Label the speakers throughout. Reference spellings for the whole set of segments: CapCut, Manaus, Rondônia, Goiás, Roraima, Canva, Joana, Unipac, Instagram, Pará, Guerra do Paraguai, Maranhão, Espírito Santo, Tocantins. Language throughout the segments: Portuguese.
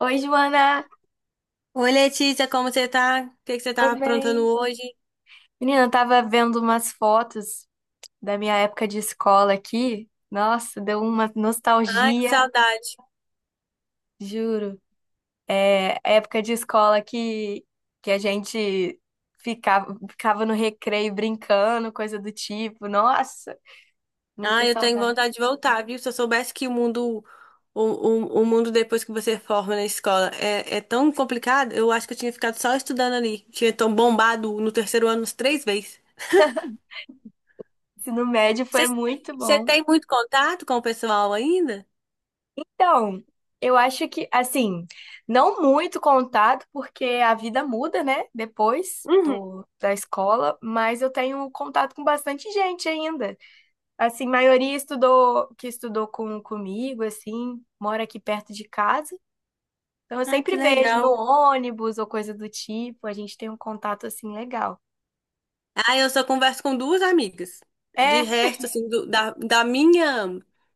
Speaker 1: Oi, Joana,
Speaker 2: Oi, Letícia, como você tá? O que que você tá
Speaker 1: tudo
Speaker 2: aprontando
Speaker 1: bem?
Speaker 2: hoje?
Speaker 1: Menina, eu tava vendo umas fotos da minha época de escola aqui. Nossa, deu uma
Speaker 2: Ai, que
Speaker 1: nostalgia,
Speaker 2: saudade.
Speaker 1: juro. Época de escola que a gente ficava no recreio brincando, coisa do tipo. Nossa, muita
Speaker 2: Ai, eu tenho
Speaker 1: saudade.
Speaker 2: vontade de voltar, viu? Se eu soubesse que o mundo, o mundo depois que você forma na escola é tão complicado, eu acho que eu tinha ficado só estudando ali. Tinha tão bombado no terceiro ano uns três vezes.
Speaker 1: Ensino médio
Speaker 2: Você,
Speaker 1: foi muito
Speaker 2: você
Speaker 1: bom.
Speaker 2: tem muito contato com o pessoal ainda?
Speaker 1: Então, eu acho que, assim, não muito contato, porque a vida muda, né? Depois
Speaker 2: Uhum.
Speaker 1: do, da escola, mas eu tenho contato com bastante gente ainda. Assim, maioria estudou, que estudou comigo, assim, mora aqui perto de casa. Então, eu
Speaker 2: Ai, que
Speaker 1: sempre vejo no
Speaker 2: legal.
Speaker 1: ônibus ou coisa do tipo, a gente tem um contato, assim, legal.
Speaker 2: Ah, eu só converso com duas amigas. De
Speaker 1: É,
Speaker 2: resto, assim, da minha,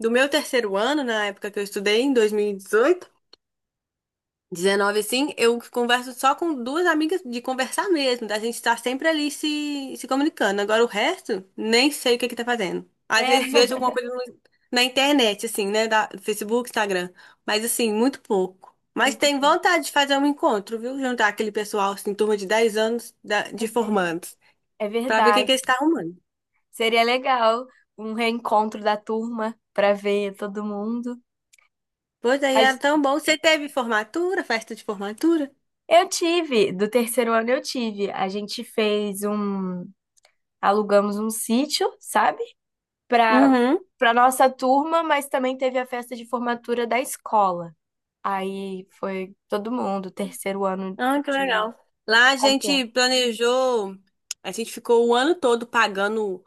Speaker 2: do meu terceiro ano, na época que eu estudei, em 2018, 19 assim, eu converso só com duas amigas de conversar mesmo, da gente estar sempre ali se comunicando. Agora o resto, nem sei o que que tá fazendo. Às vezes
Speaker 1: é,
Speaker 2: vejo alguma coisa na internet, assim, né, da Facebook, Instagram, mas assim, muito pouco. Mas
Speaker 1: muito
Speaker 2: tem
Speaker 1: bom.
Speaker 2: vontade de fazer um encontro, viu? Juntar aquele pessoal, assim, turma de 10 anos
Speaker 1: É
Speaker 2: de
Speaker 1: verdade.
Speaker 2: formandos,
Speaker 1: É
Speaker 2: pra ver o que que
Speaker 1: verdade.
Speaker 2: eles estão arrumando.
Speaker 1: Seria legal um reencontro da turma para ver todo mundo.
Speaker 2: Pois aí era
Speaker 1: Mas
Speaker 2: tão bom. Você teve formatura, festa de formatura?
Speaker 1: eu tive, do terceiro ano eu tive. A gente fez um, alugamos um sítio, sabe? Para
Speaker 2: Uhum.
Speaker 1: Para nossa turma, mas também teve a festa de formatura da escola. Aí foi todo mundo, terceiro ano
Speaker 2: Ah, que
Speaker 1: de
Speaker 2: legal. Lá a
Speaker 1: completo.
Speaker 2: gente planejou, a gente ficou o ano todo pagando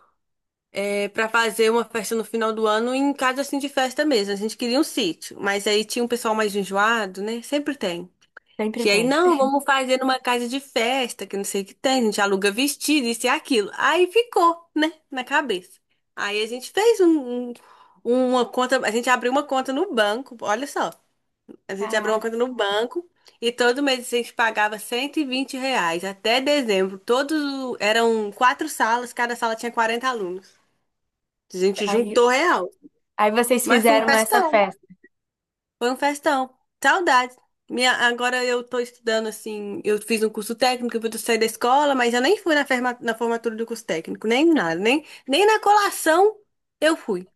Speaker 2: para fazer uma festa no final do ano em casa assim de festa mesmo. A gente queria um sítio, mas aí tinha um pessoal mais enjoado, né? Sempre tem.
Speaker 1: Sempre
Speaker 2: Que aí,
Speaker 1: tem.
Speaker 2: não, vamos fazer numa casa de festa, que não sei o que tem, a gente aluga vestido, isso e aquilo. Aí ficou, né, na cabeça. Aí a gente fez uma conta, a gente abriu uma conta no banco, olha só. A gente abriu uma
Speaker 1: Caraca.
Speaker 2: conta no banco e todo mês a gente pagava R$ 120 até dezembro. Todos eram quatro salas, cada sala tinha 40 alunos. A gente
Speaker 1: Aí,
Speaker 2: juntou real.
Speaker 1: aí vocês
Speaker 2: Mas foi um
Speaker 1: fizeram essa
Speaker 2: festão,
Speaker 1: festa.
Speaker 2: foi um festão. Saudade. Minha, agora eu tô estudando assim, eu fiz um curso técnico, eu vou sair da escola, mas eu nem fui na formatura do curso técnico, nem nada, nem na colação eu fui.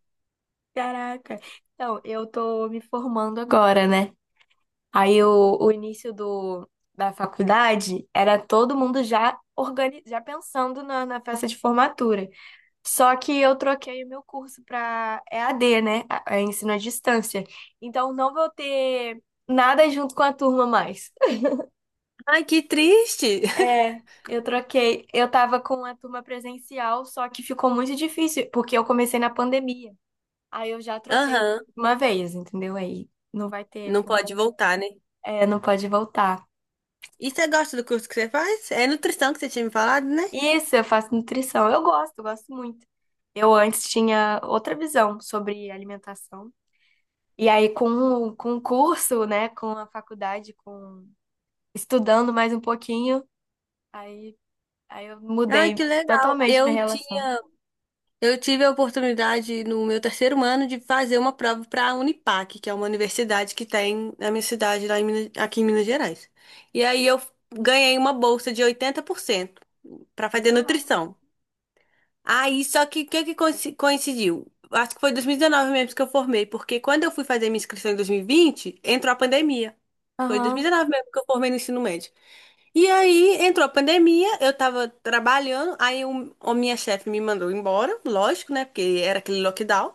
Speaker 1: Caraca. Então, eu tô me formando agora, né? Aí o início do, da faculdade era todo mundo já organi já pensando na festa de formatura. Só que eu troquei o meu curso para EAD, né? A- é ensino à distância. Então não vou ter nada junto com a turma mais.
Speaker 2: Ai, que triste!
Speaker 1: É, eu troquei. Eu tava com a turma presencial, só que ficou muito difícil, porque eu comecei na pandemia. Aí eu já troquei
Speaker 2: Aham,
Speaker 1: uma vez, entendeu? Aí não vai ter
Speaker 2: não
Speaker 1: formato.
Speaker 2: pode voltar, né?
Speaker 1: É, não pode voltar.
Speaker 2: E você gosta do curso que você faz? É nutrição que você tinha me falado, né?
Speaker 1: Isso, eu faço nutrição. Eu gosto muito. Eu antes tinha outra visão sobre alimentação. E aí, com o curso, né, com a faculdade, com estudando mais um pouquinho, aí, aí eu
Speaker 2: Ai,
Speaker 1: mudei
Speaker 2: que legal.
Speaker 1: totalmente minha relação.
Speaker 2: Eu tive a oportunidade no meu terceiro ano de fazer uma prova para a Unipac, que é uma universidade que tem na minha cidade, aqui em Minas Gerais. E aí eu ganhei uma bolsa de 80% para fazer
Speaker 1: Legal.
Speaker 2: nutrição. Aí, só que o que que coincidiu? Acho que foi 2019 mesmo que eu formei, porque quando eu fui fazer minha inscrição em 2020 entrou a pandemia. Foi em
Speaker 1: Aham,
Speaker 2: 2019 mesmo que eu formei no ensino médio. E aí entrou a pandemia, eu tava trabalhando, aí a minha chefe me mandou embora, lógico, né? Porque era aquele lockdown.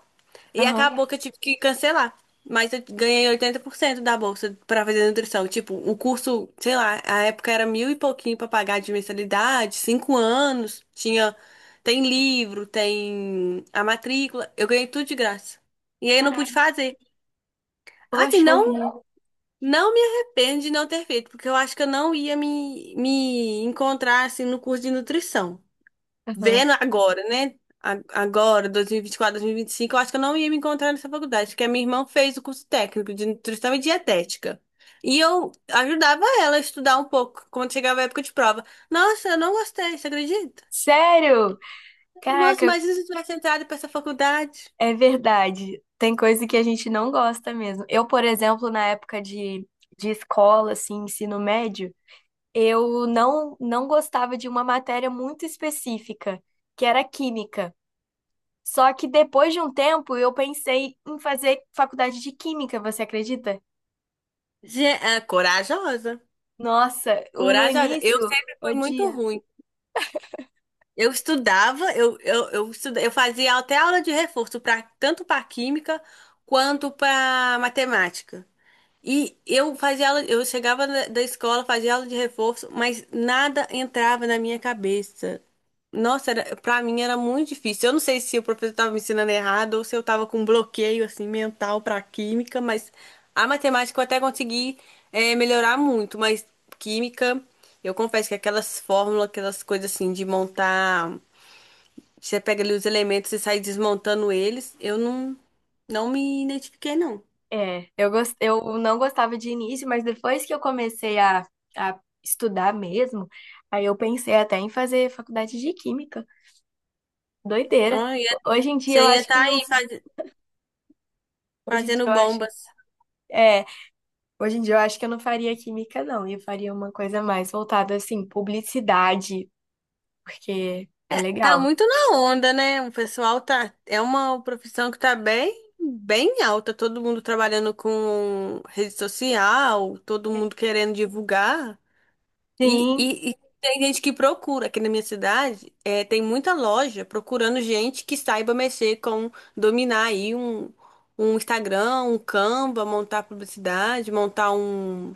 Speaker 2: E
Speaker 1: aham.
Speaker 2: acabou que eu tive que cancelar. Mas eu ganhei 80% da bolsa pra fazer nutrição. Tipo, o curso, sei lá, a época era mil e pouquinho pra pagar de mensalidade, 5 anos, tem livro, tem a matrícula, eu ganhei tudo de graça. E aí eu não pude
Speaker 1: Caraca,
Speaker 2: fazer. Ah, assim,
Speaker 1: poxa
Speaker 2: não
Speaker 1: vida.
Speaker 2: não me arrependo de não ter feito, porque eu acho que eu não ia me encontrar assim no curso de nutrição.
Speaker 1: Aham.
Speaker 2: Vendo agora, né? Agora, 2024, 2025, eu acho que eu não ia me encontrar nessa faculdade, porque a minha irmã fez o curso técnico de nutrição e dietética. E eu ajudava ela a estudar um pouco quando chegava a época de prova. Nossa, eu não gostei, você acredita?
Speaker 1: Sério?
Speaker 2: Nossa,
Speaker 1: Caraca,
Speaker 2: mas e se eu tivesse entrado para essa faculdade?
Speaker 1: é verdade. Tem coisa que a gente não gosta mesmo. Eu, por exemplo, na época de escola, assim, ensino médio, eu não gostava de uma matéria muito específica, que era química. Só que depois de um tempo eu pensei em fazer faculdade de química, você acredita?
Speaker 2: É, corajosa.
Speaker 1: Nossa, o- no
Speaker 2: Corajosa. Eu
Speaker 1: início,
Speaker 2: sempre fui muito
Speaker 1: odia.
Speaker 2: ruim. Eu estudava, eu fazia até aula de reforço, tanto para química quanto para matemática. E eu fazia aula, eu chegava da escola, fazia aula de reforço, mas nada entrava na minha cabeça. Nossa, para mim era muito difícil. Eu não sei se o professor estava me ensinando errado ou se eu estava com um bloqueio assim mental para química, mas a matemática eu até consegui melhorar muito, mas química, eu confesso que aquelas fórmulas, aquelas coisas assim de montar, você pega ali os elementos e sai desmontando eles, eu não me identifiquei não.
Speaker 1: É, eu gos- eu não gostava de início, mas depois que eu comecei a estudar mesmo, aí eu pensei até em fazer faculdade de química. Doideira.
Speaker 2: Ah, e
Speaker 1: Hoje em dia eu
Speaker 2: você ia
Speaker 1: acho que
Speaker 2: estar
Speaker 1: não,
Speaker 2: aí
Speaker 1: hoje em dia
Speaker 2: fazendo
Speaker 1: eu acho
Speaker 2: bombas.
Speaker 1: é hoje em dia eu acho que eu não faria química, não. Eu faria uma coisa mais voltada, assim, publicidade, porque é
Speaker 2: Tá
Speaker 1: legal.
Speaker 2: muito na onda, né? O pessoal tá. É uma profissão que tá bem, bem alta. Todo mundo trabalhando com rede social, todo mundo querendo divulgar. E,
Speaker 1: Sim,
Speaker 2: e, e tem gente que procura. Aqui na minha cidade, tem muita loja procurando gente que saiba mexer dominar aí um, Instagram, um Canva, montar publicidade, montar um.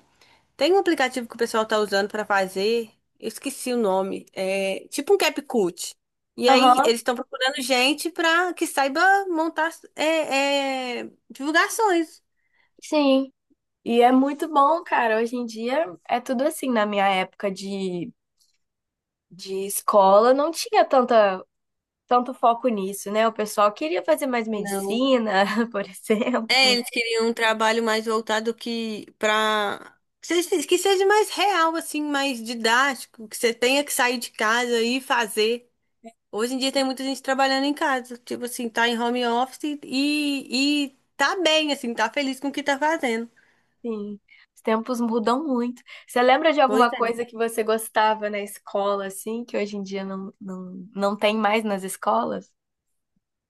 Speaker 2: Tem um aplicativo que o pessoal tá usando pra fazer, eu esqueci o nome, é tipo um CapCut. E aí
Speaker 1: aham,
Speaker 2: eles estão procurando gente pra que saiba montar divulgações.
Speaker 1: sim. E é muito bom, cara. Hoje em dia é tudo assim. Na minha época de escola, não tinha tanto foco nisso, né? O pessoal queria fazer mais
Speaker 2: Não.
Speaker 1: medicina, por exemplo.
Speaker 2: É, eles queriam um trabalho mais voltado que para que seja mais real, assim, mais didático, que você tenha que sair de casa e fazer. Hoje em dia tem muita gente trabalhando em casa, tipo assim, tá em home office e tá bem, assim, tá feliz com o que tá fazendo.
Speaker 1: Sim, os tempos mudam muito. Você lembra de
Speaker 2: Pois
Speaker 1: alguma
Speaker 2: é.
Speaker 1: coisa que você gostava na escola, assim, que hoje em dia não tem mais nas escolas?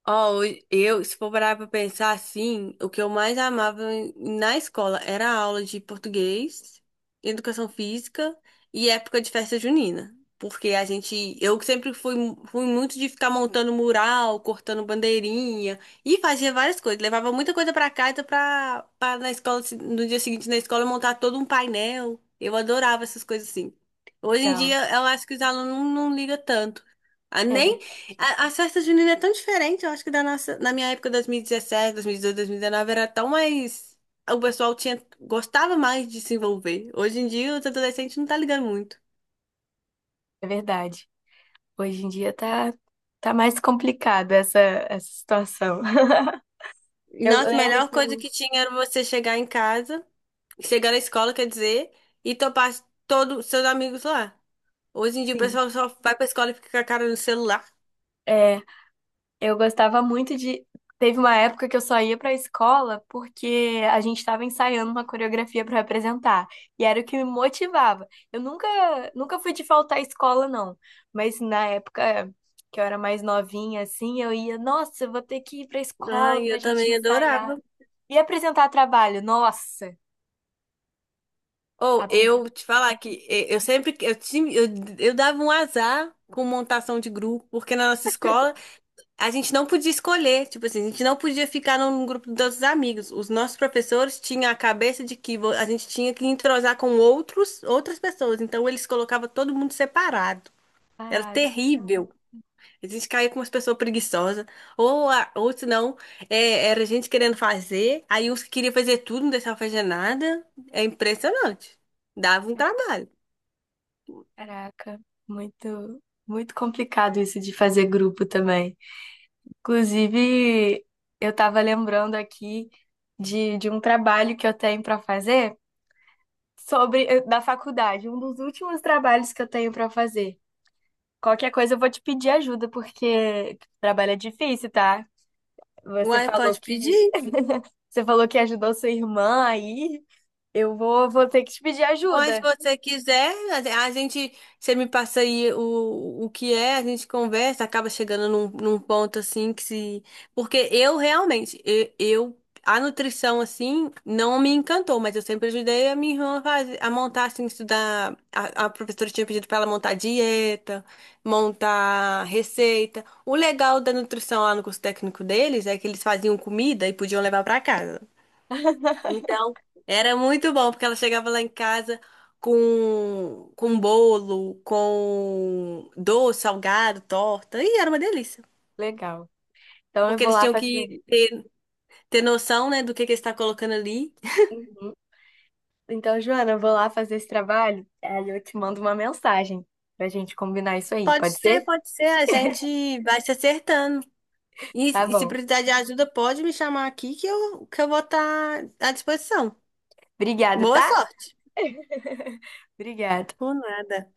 Speaker 2: Ó, eu, se for parar pra pensar assim, o que eu mais amava na escola era a aula de português, educação física e época de festa junina. Porque eu sempre fui muito de ficar montando mural, cortando bandeirinha e fazia várias coisas. Levava muita coisa pra casa pra na escola, no dia seguinte na escola montar todo um painel. Eu adorava essas coisas assim. Hoje em
Speaker 1: Legal.
Speaker 2: dia, eu acho que os alunos não ligam tanto. Ah, nem
Speaker 1: É,
Speaker 2: as festas juninas é tão diferente, eu acho que da nossa, na minha época, dois mil dezessete mil e 2019, era tão mais. O pessoal gostava mais de se envolver. Hoje em dia, os adolescentes não tá ligando muito.
Speaker 1: é verdade. Hoje em tá mais complicada essa situação.
Speaker 2: E
Speaker 1: Eu
Speaker 2: nossa, a
Speaker 1: lembro
Speaker 2: melhor
Speaker 1: que,
Speaker 2: coisa que tinha era você chegar em casa, chegar na escola, quer dizer, e topar todos seus amigos lá. Hoje em dia, o
Speaker 1: sim,
Speaker 2: pessoal só vai pra escola e fica com a cara no celular.
Speaker 1: é, eu gostava muito de. Teve uma época que eu só ia pra escola porque a gente tava ensaiando uma coreografia pra apresentar. E era o que me motivava. Eu nunca, nunca fui de faltar à escola, não. Mas na época que eu era mais novinha, assim, eu ia, nossa, eu vou ter que ir pra escola
Speaker 2: Ai,
Speaker 1: pra
Speaker 2: eu
Speaker 1: gente
Speaker 2: também
Speaker 1: ensaiar.
Speaker 2: adorava.
Speaker 1: E apresentar trabalho, nossa!
Speaker 2: Ou eu te falar que e- eu sempre eu, tinha- eu dava um azar com montação de grupo, porque na nossa escola a gente não podia escolher, tipo assim, a gente não podia ficar num grupo dos amigos. Os nossos professores tinham a cabeça de que a gente tinha que entrosar com outras pessoas, então eles colocavam todo mundo separado. Era
Speaker 1: Parada,
Speaker 2: terrível. A gente caía com umas pessoas preguiçosas, ou se não, era gente querendo fazer, aí uns que queriam fazer tudo, não deixavam fazer nada. É impressionante. Dava um trabalho.
Speaker 1: caraca, muito, muito complicado isso de fazer grupo também. Inclusive, eu tava lembrando aqui de um trabalho que eu tenho para fazer sobre da faculdade, um dos últimos trabalhos que eu tenho para fazer. Qualquer coisa eu vou te pedir ajuda, porque o trabalho é difícil, tá? Você
Speaker 2: Uai,
Speaker 1: falou
Speaker 2: pode
Speaker 1: que
Speaker 2: pedir.
Speaker 1: você falou que ajudou sua irmã aí. Eu vou ter que te pedir
Speaker 2: Mas se
Speaker 1: ajuda.
Speaker 2: você quiser, a gente, você me passa aí o que é, a gente conversa, acaba chegando num ponto assim que se. Porque eu realmente, a nutrição assim não me encantou, mas eu sempre ajudei a minha irmã a montar, assim, estudar. A professora tinha pedido pra ela montar dieta, montar receita. O legal da nutrição lá no curso técnico deles é que eles faziam comida e podiam levar pra casa. Então, era muito bom, porque ela chegava lá em casa com bolo, com doce, salgado, torta, e era uma delícia.
Speaker 1: Legal. Então eu
Speaker 2: Porque
Speaker 1: vou
Speaker 2: eles
Speaker 1: lá
Speaker 2: tinham
Speaker 1: fazer.
Speaker 2: que ter noção, né, do que está colocando ali.
Speaker 1: Uhum. Então, Joana, eu vou lá fazer esse trabalho, aí eu te mando uma mensagem pra gente combinar isso aí, pode ser?
Speaker 2: Pode ser, a gente vai se acertando. E,
Speaker 1: Tá
Speaker 2: e se
Speaker 1: bom.
Speaker 2: precisar de ajuda, pode me chamar aqui que eu vou estar à disposição.
Speaker 1: Obrigada,
Speaker 2: Boa
Speaker 1: tá?
Speaker 2: sorte.
Speaker 1: Obrigada.
Speaker 2: Por nada.